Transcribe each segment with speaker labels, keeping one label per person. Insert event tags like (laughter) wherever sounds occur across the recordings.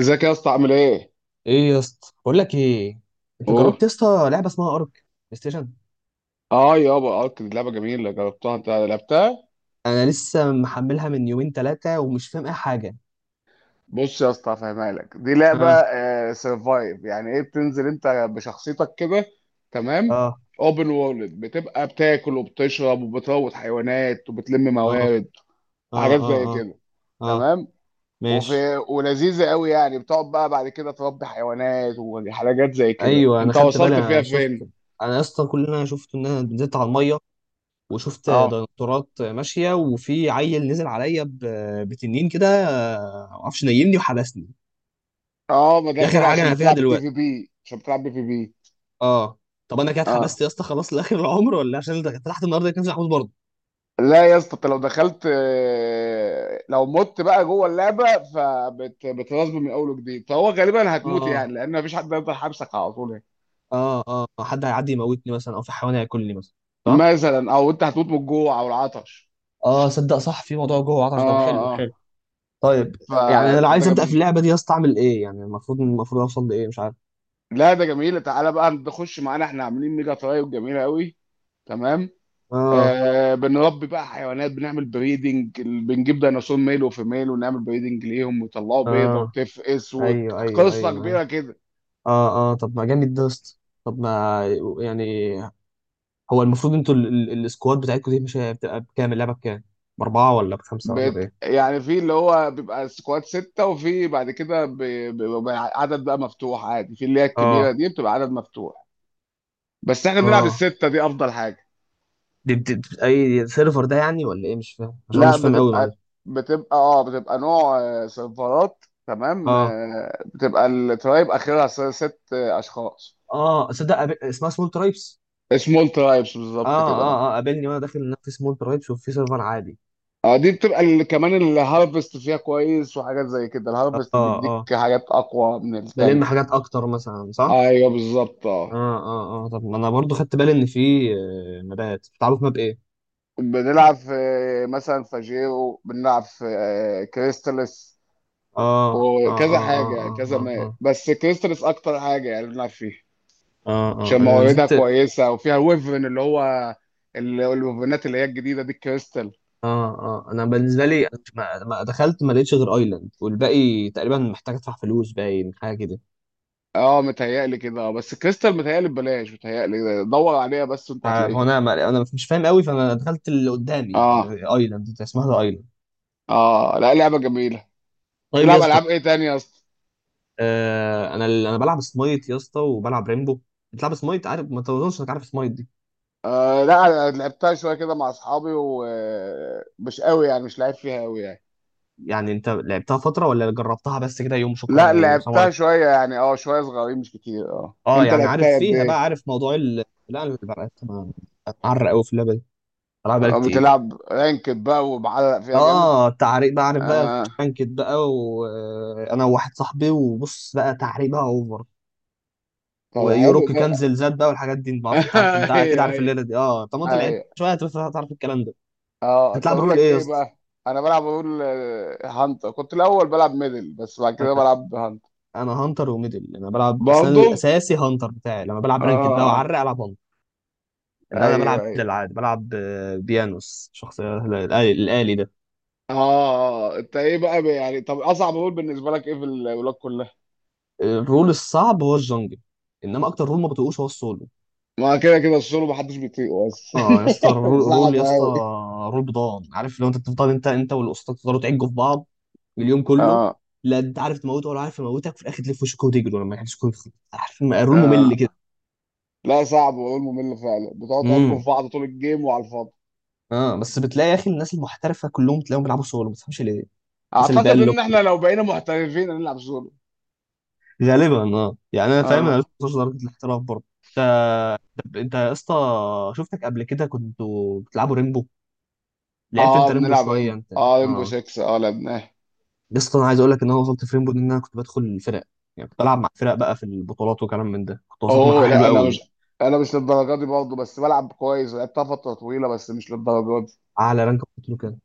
Speaker 1: ازيك يا اسطى، عامل ايه؟
Speaker 2: ايه يا اسطى، بقول لك ايه. انت
Speaker 1: اوه.
Speaker 2: جربت يا اسطى لعبه اسمها ارك؟ بلاي ستيشن.
Speaker 1: اه يابا، ارك دي لعبه جميله، جربتها، انت لعبتها؟
Speaker 2: انا لسه محملها من يومين ثلاثه ومش فاهم اي حاجه.
Speaker 1: بص يا اسطى، هفهمها لك، دي لعبه
Speaker 2: اه،
Speaker 1: سرفايف، يعني ايه، بتنزل انت بشخصيتك كده، تمام؟
Speaker 2: اه،
Speaker 1: اوبن وورلد، بتبقى بتاكل وبتشرب وبتروض حيوانات وبتلم
Speaker 2: اه،
Speaker 1: موارد،
Speaker 2: اه،
Speaker 1: حاجات
Speaker 2: اه،
Speaker 1: زي
Speaker 2: اه،
Speaker 1: كده،
Speaker 2: اه،
Speaker 1: تمام؟
Speaker 2: ماشي.
Speaker 1: وفي ولذيذه قوي، يعني بتقعد بقى بعد كده تربي حيوانات وحاجات زي كده،
Speaker 2: ايوه، انا
Speaker 1: انت
Speaker 2: خدت بالي،
Speaker 1: وصلت فيها
Speaker 2: انا شفت.
Speaker 1: فين؟
Speaker 2: انا يا اسطى كل اللي انا شفته، ان انا نزلت على الميه وشفت
Speaker 1: اه
Speaker 2: ديناصورات ماشيه، وفي عيل نزل عليا بتنين كده. ما اعرفش، نيمني وحبسني.
Speaker 1: اه، ما ده
Speaker 2: دي اخر
Speaker 1: كده
Speaker 2: حاجه
Speaker 1: عشان
Speaker 2: انا فيها
Speaker 1: بتلعب بي
Speaker 2: دلوقتي.
Speaker 1: في بي،
Speaker 2: اه. طب انا كده
Speaker 1: اه.
Speaker 2: اتحبست يا اسطى خلاص لاخر العمر؟ ولا عشان ده فتحت النهارده كان محبوس برضه؟
Speaker 1: لا يا اسطى، انت لو دخلت، لو مت بقى جوه اللعبه فبتغصب من اول وجديد، فهو غالبا هتموت
Speaker 2: اه،
Speaker 1: يعني، لان مفيش حد يقدر حبسك على طول يعني،
Speaker 2: اه، اه، حد هيعدي يموتني مثلا، او في حيوان هياكلني مثلا. صح.
Speaker 1: مثلا، او انت هتموت من الجوع او العطش.
Speaker 2: اه، صدق، صح، في موضوع جوه
Speaker 1: اه
Speaker 2: العطش ده، حلو
Speaker 1: اه،
Speaker 2: حلو. طيب. يعني انا لو
Speaker 1: فده
Speaker 2: عايز ابدا في
Speaker 1: جميل.
Speaker 2: اللعبه دي يا اسطى اعمل ايه؟ يعني المفروض اوصل لايه؟ مش عارف.
Speaker 1: لا، ده جميل، تعالى بقى نخش معانا، احنا عاملين ميجا ترايب جميله قوي، تمام.
Speaker 2: اه،
Speaker 1: آه، بنربي بقى حيوانات، بنعمل بريدنج، بنجيب ديناصور ميل وفيميل ونعمل بريدنج ليهم ويطلعوا بيضه
Speaker 2: اه،
Speaker 1: وتفقس،
Speaker 2: ايوه، ايوه،
Speaker 1: وقصه
Speaker 2: ايوه، ايوه.
Speaker 1: كبيره كده.
Speaker 2: اه، اه، طب ما جامد ده يا اسطى. طب ما يعني هو المفروض انتوا السكواد بتاعتكم دي مش هي- بتبقى بكام؟ اللعبه بكام؟ باربعه ولا بخمسه ولا بايه؟
Speaker 1: يعني في اللي هو بيبقى سكواد ستة، وفي بعد كده بيبقى عدد بقى مفتوح عادي، في اللي هي الكبيرة
Speaker 2: اه،
Speaker 1: دي بتبقى عدد مفتوح، بس احنا بنلعب
Speaker 2: اه.
Speaker 1: الستة دي، أفضل حاجة.
Speaker 2: دي اي سيرفر ده يعني ولا ايه؟ مش فاهم، عشان أنا
Speaker 1: لا
Speaker 2: مش فاهم قوي معايا.
Speaker 1: بتبقى، بتبقى نوع سيرفرات، تمام.
Speaker 2: اه،
Speaker 1: بتبقى الترايب آخرها ست أشخاص.
Speaker 2: اه، صدق، اسمها سمول ترايبس.
Speaker 1: سمول ترايبس
Speaker 2: اه،
Speaker 1: بالظبط كده.
Speaker 2: اه، اه، قابلني وانا داخل إنها في سمول ترايبس وفي سيرفر عادي.
Speaker 1: اه، دي بتبقى كمان الهارفست فيها كويس، وحاجات زي كده،
Speaker 2: اه،
Speaker 1: الهارفست بيديك
Speaker 2: اه،
Speaker 1: حاجات أقوى من
Speaker 2: بلم
Speaker 1: التانية.
Speaker 2: حاجات اكتر مثلا، صح؟
Speaker 1: ايوه بالظبط
Speaker 2: اه،
Speaker 1: اه.
Speaker 2: اه، اه، طب ما انا برضو خدت بالي ان في... مبات، بتعرف ماب ايه؟
Speaker 1: بنلعب في، مثلا، فاجيرو، بنلعب في كريستالس
Speaker 2: اه، اه،
Speaker 1: وكذا
Speaker 2: اه، اه،
Speaker 1: حاجة
Speaker 2: اه،
Speaker 1: كذا،
Speaker 2: اه.
Speaker 1: ما
Speaker 2: اه،
Speaker 1: بس كريستالس أكتر حاجة يعني بنلعب فيها،
Speaker 2: اه،
Speaker 1: عشان
Speaker 2: انا
Speaker 1: مواردها
Speaker 2: نزلت. اه
Speaker 1: كويسة وفيها ويفرن، اللي هو الويفرنات اللي هي الجديدة دي، الكريستال.
Speaker 2: اه. انا بالنسبه لي، أنا ما دخلت، ما لقيتش غير ايلاند، والباقي تقريبا محتاج ادفع فلوس، باين حاجه كده.
Speaker 1: اه متهيألي كده، اه بس الكريستال متهيألي ببلاش، متهيألي دور عليها بس وانت هتلاقيها.
Speaker 2: هو انا ما... انا مش فاهم قوي، فانا دخلت اللي قدامي.
Speaker 1: اه
Speaker 2: ايلاند، اسمها ده ايلاند.
Speaker 1: اه، لا لعبة جميلة.
Speaker 2: طيب يا
Speaker 1: تلعب
Speaker 2: اسطى.
Speaker 1: ألعاب ايه تاني يا اسطى؟
Speaker 2: انا انا بلعب سمايت يا اسطى، وبلعب ريمبو. بتلعب سمايت؟ عارف، ما تظنش انك عارف سمايت دي.
Speaker 1: آه لا، أنا لعبتها شوية كده مع أصحابي، ومش قوي يعني، مش لعيب فيها قوي يعني.
Speaker 2: يعني انت لعبتها فتره ولا جربتها بس كده يوم، شكرا
Speaker 1: لا
Speaker 2: وسلام
Speaker 1: لعبتها
Speaker 2: عليكم؟
Speaker 1: شوية يعني، اه، شوية صغيرين مش كتير اه،
Speaker 2: اه،
Speaker 1: انت
Speaker 2: يعني عارف
Speaker 1: لعبتها قد
Speaker 2: فيها بقى،
Speaker 1: ايه؟
Speaker 2: عارف موضوع لا، انا بقى معرق قوي في اللعبه دي، بلعب بقالي
Speaker 1: اه
Speaker 2: كتير.
Speaker 1: بتلعب رانكد بقى ومعلق فيها جامد.
Speaker 2: اه، تعريق بقى، عارف بقى.
Speaker 1: اه،
Speaker 2: بانكت بقى وانا وواحد صاحبي، وبص بقى، تعريق بقى اوفر.
Speaker 1: طب حلو
Speaker 2: ويوروك كان
Speaker 1: ده.
Speaker 2: زلزال بقى والحاجات دي، ما
Speaker 1: (laughs)
Speaker 2: اعرفش، انت عارف، انت اكيد
Speaker 1: ايوه
Speaker 2: عارف
Speaker 1: ايوه
Speaker 2: الليله دي. اه، طب ما انت لعبت
Speaker 1: ايوه.
Speaker 2: شويه هتعرف الكلام ده.
Speaker 1: اه، طب
Speaker 2: بتلعب
Speaker 1: اقول
Speaker 2: رول
Speaker 1: لك
Speaker 2: ايه يا
Speaker 1: ايه
Speaker 2: اسطى؟
Speaker 1: بقى؟ انا بلعب، اقول، هانتر، كنت الاول بلعب ميدل، بس بعد كده بلعب هانتر.
Speaker 2: انا هانتر وميدل انا بلعب، بس انا
Speaker 1: برضه؟
Speaker 2: الاساسي هانتر بتاعي لما بلعب رانكد بقى
Speaker 1: اه.
Speaker 2: وعرق العب هانتر. انما انا
Speaker 1: ايوه
Speaker 2: بلعب
Speaker 1: ايوه
Speaker 2: ميدل عادي، بلعب بيانوس، شخصيه الالي ده.
Speaker 1: اه. انت ايه بقى، يعني، طب اصعب اقول بالنسبة لك ايه في الولاد كلها؟
Speaker 2: الرول الصعب هو الجنجل. انما اكتر رول ما بتقوش هو السولو.
Speaker 1: ما كده كده السولو محدش بيطيقه بس.
Speaker 2: اه يا اسطى،
Speaker 1: (laughs)
Speaker 2: الرول
Speaker 1: صعب
Speaker 2: رول يا اسطى.
Speaker 1: قوي.
Speaker 2: رول بضان، عارف لو انت بتفضل انت والاسطى تفضلوا تعجوا في بعض اليوم كله.
Speaker 1: اه
Speaker 2: لا انت عارف تموته ولا عارف يموتك، في الاخر تلف وشك وتجروا لما يحدش كله يدخل. عارف الرول ممل
Speaker 1: اه.
Speaker 2: كده.
Speaker 1: لا صعب والله، ممل فعلا، بتقعد تأجوا في
Speaker 2: امم.
Speaker 1: بعض طول الجيم وعلى الفاضي.
Speaker 2: اه، بس بتلاقي يا اخي، الناس المحترفه كلهم تلاقيهم بيلعبوا سولو، ما تفهمش ليه. الناس اللي بقى،
Speaker 1: اعتقد
Speaker 2: اللي...
Speaker 1: ان احنا لو بقينا محترفين هنلعب سولو.
Speaker 2: غالبا، اه، يعني انا فاهم، انا
Speaker 1: اه
Speaker 2: لسه ما وصلتش لدرجه الاحتراف برضه. انت... طب انت يا اسطى، شفتك قبل كده كنتوا بتلعبوا ريمبو. لعبت
Speaker 1: اه،
Speaker 2: انت ريمبو
Speaker 1: بنلعب
Speaker 2: شويه،
Speaker 1: ريمبو،
Speaker 2: انت؟
Speaker 1: اه ريمبو
Speaker 2: اه
Speaker 1: 6 اه لعبناه.
Speaker 2: يا اسطى، انا عايز اقول لك ان انا وصلت في ريمبو دي ان انا كنت بدخل الفرق. يعني كنت بلعب مع الفرق بقى في البطولات وكلام من ده، كنت وصلت مرحله
Speaker 1: اوه لا،
Speaker 2: حلوه قوي.
Speaker 1: انا مش للدرجه دي برضه، بس بلعب كويس، لعبتها فتره طويله، بس مش للدرجه دي.
Speaker 2: اعلى رانك كنت له، كان...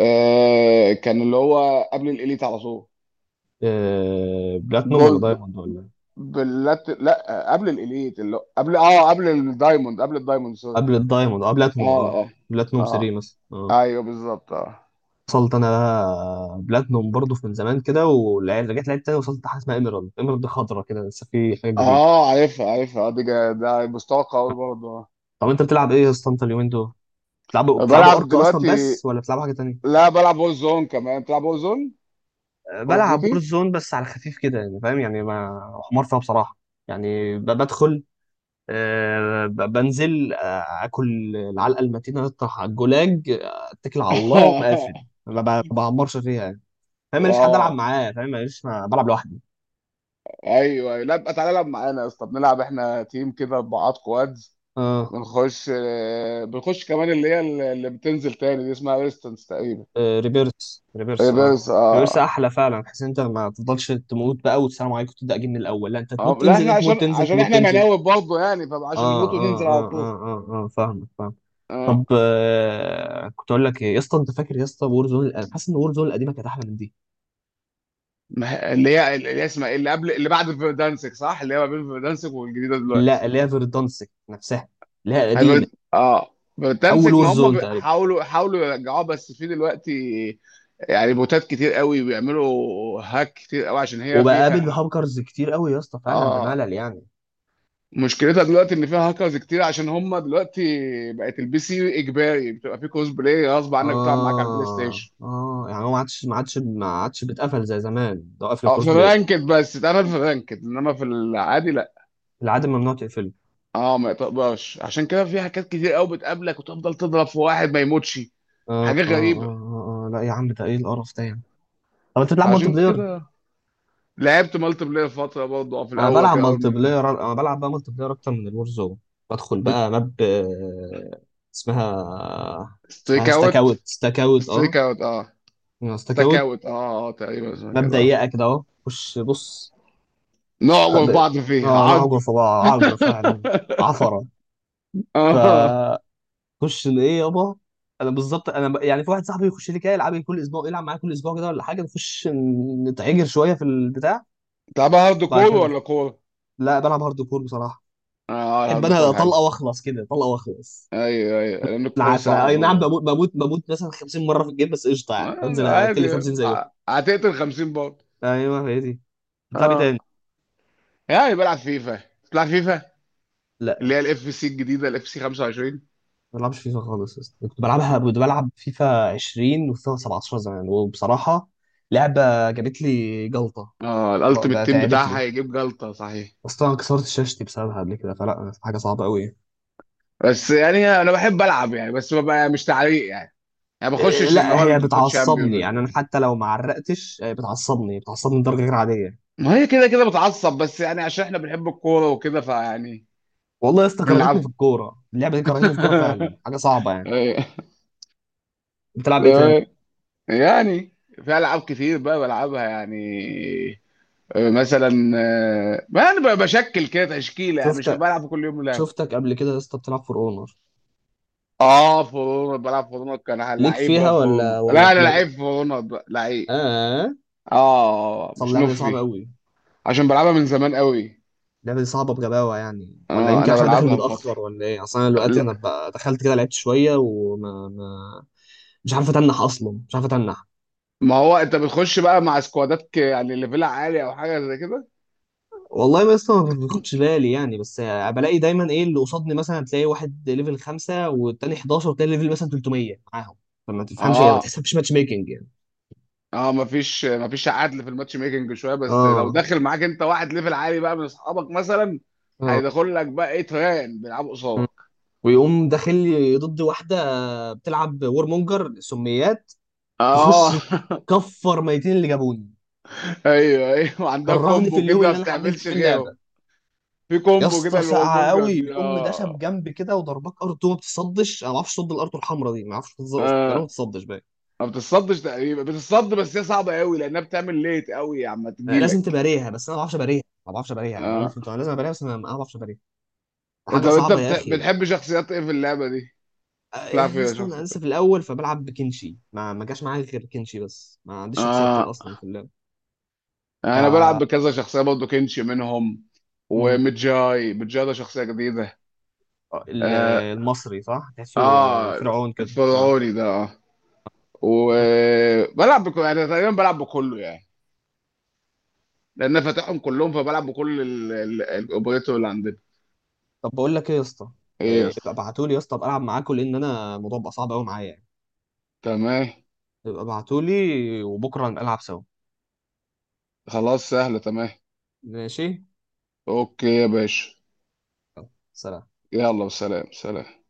Speaker 1: آه، كان اللي هو قبل الاليت على طول.
Speaker 2: بلاتنوم ولا
Speaker 1: جولد.
Speaker 2: دايموند ولا...
Speaker 1: باللات لا، قبل الاليت اللي هو، قبل الدايموند، قبل الدايموند، سوري.
Speaker 2: قبل الدايموند، اه، بلاتنوم، اه.
Speaker 1: اه اه
Speaker 2: بلاتنوم
Speaker 1: اه.
Speaker 2: 3 مثلا، اه.
Speaker 1: ايوه بالظبط اه.
Speaker 2: وصلت انا بقى بلاتنوم برضه من زمان كده، ورجعت لعبت تاني، وصلت حاجه اسمها ايميرالد، ايميرالد دي خضرا كده، لسه في حاجه جديده.
Speaker 1: اه عارفها عارفها، ده مستوى قوي برضه.
Speaker 2: طب انت بتلعب ايه يا اسطى انت اليومين دول؟ بتلعبوا
Speaker 1: آه.
Speaker 2: بتلعبوا
Speaker 1: بلعب
Speaker 2: ارك اصلا
Speaker 1: دلوقتي،
Speaker 2: بس، ولا بتلعبوا حاجه تانية؟
Speaker 1: لا بلعب وور زون كمان، بتلعب وور زون كول اوف
Speaker 2: بلعب وور
Speaker 1: ديوتي؟
Speaker 2: زون، بس على خفيف كده يعني، فاهم يعني، ما... حمار فيها بصراحه. يعني بدخل، بنزل، اكل العلقه المتينه، اطرح على الجولاج، اتكل على الله
Speaker 1: (laughs)
Speaker 2: ومقافل. ما بعمرش فيها يعني. فاهم، ماليش حد العب
Speaker 1: اه
Speaker 2: معاه، فاهم، ماليش، ما بلعب لوحدي.
Speaker 1: ايوه. أيوة. لا بقى، تعالى العب معانا يا اسطى، بنلعب احنا تيم كده، اربعات كوادز.
Speaker 2: اه.
Speaker 1: بنخش كمان اللي هي اللي بتنزل تاني دي، اسمها ريستنس تقريبا،
Speaker 2: ريبيرس،
Speaker 1: تقريبا
Speaker 2: اه.
Speaker 1: بس
Speaker 2: ريبيرس
Speaker 1: اه.
Speaker 2: احلى فعلا، بحيث ان انت ما تفضلش تموت بقى والسلام عليكم تبدا جيم من الاول. لا، انت
Speaker 1: آه،
Speaker 2: تموت
Speaker 1: لا احنا
Speaker 2: تنزل، تموت تنزل،
Speaker 1: عشان
Speaker 2: تموت
Speaker 1: احنا
Speaker 2: تنزل.
Speaker 1: مناوب برضه يعني، فعشان
Speaker 2: اه،
Speaker 1: نموت
Speaker 2: اه،
Speaker 1: وننزل على
Speaker 2: اه،
Speaker 1: طول.
Speaker 2: اه، اه، اه، فاهمك، فاهم.
Speaker 1: آه.
Speaker 2: طب، كنت اقول لك ايه يا اسطى. انت فاكر يا اسطى وور زون؟ انا حاسس ان وور زون القديمه كانت احلى من دي.
Speaker 1: ما هي- اللي هي اسمها ايه، اللي قبل، اللي بعد فيردانسك صح، اللي هي ما بين فيردانسك والجديده
Speaker 2: لا،
Speaker 1: دلوقتي.
Speaker 2: اللي هي فيردانسك نفسها، اللي هي
Speaker 1: هي
Speaker 2: القديمه،
Speaker 1: فيرد- اه
Speaker 2: اول
Speaker 1: فيردانسك،
Speaker 2: وور
Speaker 1: ما هم
Speaker 2: زون
Speaker 1: بي-
Speaker 2: تقريبا.
Speaker 1: حاولوا يرجعوها بس في دلوقتي، يعني بوتات كتير قوي بيعملوا هاك كتير قوي عشان هي
Speaker 2: وبقابل
Speaker 1: فيها
Speaker 2: هاكرز كتير قوي يا اسطى، فعلا ده
Speaker 1: اه.
Speaker 2: ملل يعني.
Speaker 1: مشكلتها دلوقتي ان فيها هاكرز كتير، عشان هم دلوقتي بقت البي سي اجباري، بتبقى في كوز بلاي غصب عنك بتلعب معاك على البلاي
Speaker 2: اه،
Speaker 1: ستيشن.
Speaker 2: اه، يعني هو ما عادش بيتقفل زي زمان، ده قفل
Speaker 1: اه،
Speaker 2: الكروس
Speaker 1: في
Speaker 2: بلاي.
Speaker 1: الرانكد بس اتعمل، في الرانكد انما في العادي
Speaker 2: العادم ممنوع تقفله.
Speaker 1: اه ما تقدرش، عشان كده في حاجات كتير قوي بتقابلك وتفضل تضرب في واحد ما يموتش،
Speaker 2: اه، اه،
Speaker 1: حاجه
Speaker 2: اه،
Speaker 1: غريبه،
Speaker 2: اه، لا يا عم، ده ايه القرف ده يعني؟ طب انت بتلعب مالتي
Speaker 1: فعشان
Speaker 2: بلاير؟
Speaker 1: كده. لعبت مالتي بلاير فتره برضه، في
Speaker 2: انا
Speaker 1: الاول
Speaker 2: بلعب
Speaker 1: كده اول
Speaker 2: مالتي
Speaker 1: ما لعبت،
Speaker 2: بلاير، انا بلعب بقى مالتي بلاير اكتر من الور زون. بدخل بقى ماب، اسمها...
Speaker 1: ستريك
Speaker 2: اسمها ستاك اوت،
Speaker 1: اوت،
Speaker 2: ستاك اوت، اه.
Speaker 1: ستريك اوت اه،
Speaker 2: ستاك
Speaker 1: ستاك
Speaker 2: اوت.
Speaker 1: اوت، اه اه تقريبا اسمها
Speaker 2: ماب
Speaker 1: كده اه.
Speaker 2: ضيقه كده، اهو، خش، بص. خ-
Speaker 1: نعغر
Speaker 2: ب-
Speaker 1: بعض فيها
Speaker 2: اه،
Speaker 1: عج.
Speaker 2: نعجر
Speaker 1: (laughs)
Speaker 2: في بعض، عجر فعلا. عفره.
Speaker 1: اه.
Speaker 2: فخش. ايه يابا. انا بالظبط انا يعني في واحد صاحبي يخش لي كده، يلعب كل اسبوع، يلعب معايا كل اسبوع كده ولا حاجه، نخش نتعجر شويه في البتاع.
Speaker 1: تلعبها هارد
Speaker 2: بعد
Speaker 1: كور
Speaker 2: كده
Speaker 1: ولا كور؟
Speaker 2: لا، بلعب هارد كور بصراحه.
Speaker 1: اه
Speaker 2: احب
Speaker 1: الهارد كور
Speaker 2: انا
Speaker 1: حلو.
Speaker 2: طلقه واخلص، كده طلقه واخلص.
Speaker 1: ايوه ايوه، لان الكور
Speaker 2: العافية،
Speaker 1: صعب
Speaker 2: اي نعم،
Speaker 1: برضه.
Speaker 2: بموت، بموت، بموت مثلا 50 مرة في الجيم، بس قشطة، يعني
Speaker 1: آه
Speaker 2: بنزل اتلي
Speaker 1: عادي،
Speaker 2: 50 زيهم.
Speaker 1: هتقتل 50 برضه.
Speaker 2: ايوه، هي دي. بتلعبي
Speaker 1: اه،
Speaker 2: تاني؟
Speaker 1: يعني بلعب فيفا، بتلعب فيفا؟ اللي
Speaker 2: لا،
Speaker 1: هي الاف سي الجديده، الاف سي 25.
Speaker 2: ما بلعبش فيفا خالص يا اسطى. كنت بلعبها، كنت بلعب فيفا 20 وفيفا 17 زمان، وبصراحة لعبة جابت لي جلطة.
Speaker 1: اه
Speaker 2: والله
Speaker 1: الالتيميت
Speaker 2: بقى
Speaker 1: تيم
Speaker 2: تعبت
Speaker 1: بتاعها
Speaker 2: لي.
Speaker 1: هيجيب جلطه صحيح.
Speaker 2: اصلا انا كسرت شاشتي بسببها قبل كده، فلا، حاجة صعبة قوي.
Speaker 1: بس يعني انا بحب العب يعني، بس ببقى مش تعليق يعني، يعني ما بخشش اللي
Speaker 2: لا،
Speaker 1: هو
Speaker 2: هي
Speaker 1: الفوت شامبيون
Speaker 2: بتعصبني
Speaker 1: ولا
Speaker 2: يعني، انا
Speaker 1: حاجه.
Speaker 2: حتى لو ما عرقتش بتعصبني لدرجة غير عادية.
Speaker 1: ما هي كده كده بتعصب، بس يعني عشان احنا بنحب الكوره وكده فيعني،
Speaker 2: والله يا اسطى كرهتني
Speaker 1: بنلعب.
Speaker 2: في الكورة اللعبة دي، كرهتني في الكورة فعلا،
Speaker 1: (laughs)
Speaker 2: حاجة صعبة يعني.
Speaker 1: أيوة.
Speaker 2: بتلعب ايه تاني؟
Speaker 1: تمام. يعني في العاب كتير بقى بلعبها يعني، مثلا، ما انا بشكل كده تشكيله يعني، مش
Speaker 2: شفت...
Speaker 1: بلعب كل يوم لعب.
Speaker 2: شفتك قبل كده يا اسطى بتلعب فور اونر.
Speaker 1: اه فرونا، بلعب فرونا، كان
Speaker 2: ليك
Speaker 1: لعيب
Speaker 2: فيها
Speaker 1: بقى في فرونا،
Speaker 2: ولا
Speaker 1: لا انا لعيب
Speaker 2: كلاد؟
Speaker 1: في فرونا، لعيب.
Speaker 2: اه،
Speaker 1: اه
Speaker 2: صل
Speaker 1: مش
Speaker 2: اللعبه دي صعبه
Speaker 1: نفري،
Speaker 2: قوي.
Speaker 1: عشان بلعبها من زمان قوي.
Speaker 2: اللعبه دي صعبه بغباوه يعني، ولا
Speaker 1: اه
Speaker 2: يمكن
Speaker 1: انا
Speaker 2: عشان أنا داخل
Speaker 1: بلعبها من فتره.
Speaker 2: متاخر ولا ايه. اصل انا دلوقتي
Speaker 1: لا،
Speaker 2: انا بقى دخلت كده لعبت شويه وما ما مش عارف اتنح اصلا، مش عارف اتنح.
Speaker 1: ما هو انت بتخش بقى مع سكوادات يعني ليفلها عالي او حاجه زي كده.
Speaker 2: والله ما، لسه ما باخدش بالي يعني، بس بلاقي دايما ايه اللي قصادني، مثلا تلاقي واحد ليفل 5 والتاني 11، وتلاقي ليفل مثلا 300 معاهم. فما تفهمش، هي ما
Speaker 1: اه
Speaker 2: تحسبش ماتش ميكنج يعني.
Speaker 1: اه، مفيش عدل في الماتش ميكنج شويه، بس لو
Speaker 2: اه،
Speaker 1: داخل معاك انت واحد ليفل عالي بقى من اصحابك مثلا،
Speaker 2: اه.
Speaker 1: هيدخل لك بقى ايه، تران بيلعبوا
Speaker 2: مم.
Speaker 1: قصادك.
Speaker 2: ويقوم داخل لي ضد واحده. بتلعب وورمونجر سميات، تخش،
Speaker 1: اه. (laughs)
Speaker 2: تكفر ميتين اللي جابوني.
Speaker 1: ايوه ايوه، وعندها
Speaker 2: كرهني في
Speaker 1: كومبو
Speaker 2: اليوم
Speaker 1: كده
Speaker 2: اللي
Speaker 1: ما
Speaker 2: انا حملت
Speaker 1: بتعملش
Speaker 2: فيه
Speaker 1: غيره،
Speaker 2: اللعبه.
Speaker 1: في
Speaker 2: يا
Speaker 1: كومبو كده
Speaker 2: اسطى
Speaker 1: اللي هو
Speaker 2: ساقعه
Speaker 1: المانجا
Speaker 2: قوي،
Speaker 1: دي
Speaker 2: بتقوم داشه
Speaker 1: اه.
Speaker 2: بجنب كده وضربك ار2، ما بتصدش، انا ما بعرفش اصد الار2 الحمراء دي، ما بعرفش اصد يعني، ما
Speaker 1: اه
Speaker 2: بتصدش بقى.
Speaker 1: ما بتتصدش تقريبا، بتتصد بس هي صعبه قوي، لانها بتعمل ليت قوي عما
Speaker 2: أنا لازم
Speaker 1: تجيلك.
Speaker 2: تباريها بس انا ما بعرفش اباريها، ما بعرفش اباريها يعني. انا
Speaker 1: اه،
Speaker 2: عارف انتوا أنا لازم اباريها بس انا ما بعرفش اباريها.
Speaker 1: طب
Speaker 2: حاجه
Speaker 1: انت
Speaker 2: صعبه يا اخي.
Speaker 1: بتحب شخصيات ايه في اللعبه دي؟ بتلعب
Speaker 2: يا
Speaker 1: فيها
Speaker 2: اسطى انا
Speaker 1: شخصيات
Speaker 2: لسه في
Speaker 1: ايه؟
Speaker 2: الاول، فبلعب بكنشي، ما جاش معايا غير كنشي بس، ما عنديش شخصيات تانية
Speaker 1: اه،
Speaker 2: اصلا في اللعبه. ف...
Speaker 1: انا بلعب بكذا شخصيه برضه، كنشي منهم،
Speaker 2: مم.
Speaker 1: ومتجاي، متجاي ده شخصيه جديده.
Speaker 2: ال-
Speaker 1: اه،
Speaker 2: المصري، صح، تحسه
Speaker 1: آه
Speaker 2: فرعون كده، اه.
Speaker 1: الفرعوني ده اه، وبلعب بكل يعني، تقريبا بلعب بكله يعني، لان أنا فاتحهم كلهم، فبلعب بكل الاوبريتور اللي عندنا.
Speaker 2: طب بقول لك ايه يا اسطى.
Speaker 1: ايه.
Speaker 2: ابقى ابعتولي يا اسطى ابقى العب معاكم، لان انا الموضوع بقى صعب قوي معايا يعني.
Speaker 1: تمام.
Speaker 2: ابقى ابعتولي وبكره نبقى نلعب سوا.
Speaker 1: خلاص سهلة. تمام.
Speaker 2: ماشي.
Speaker 1: اوكي يا باشا.
Speaker 2: سلام.
Speaker 1: يلا سلام سلام.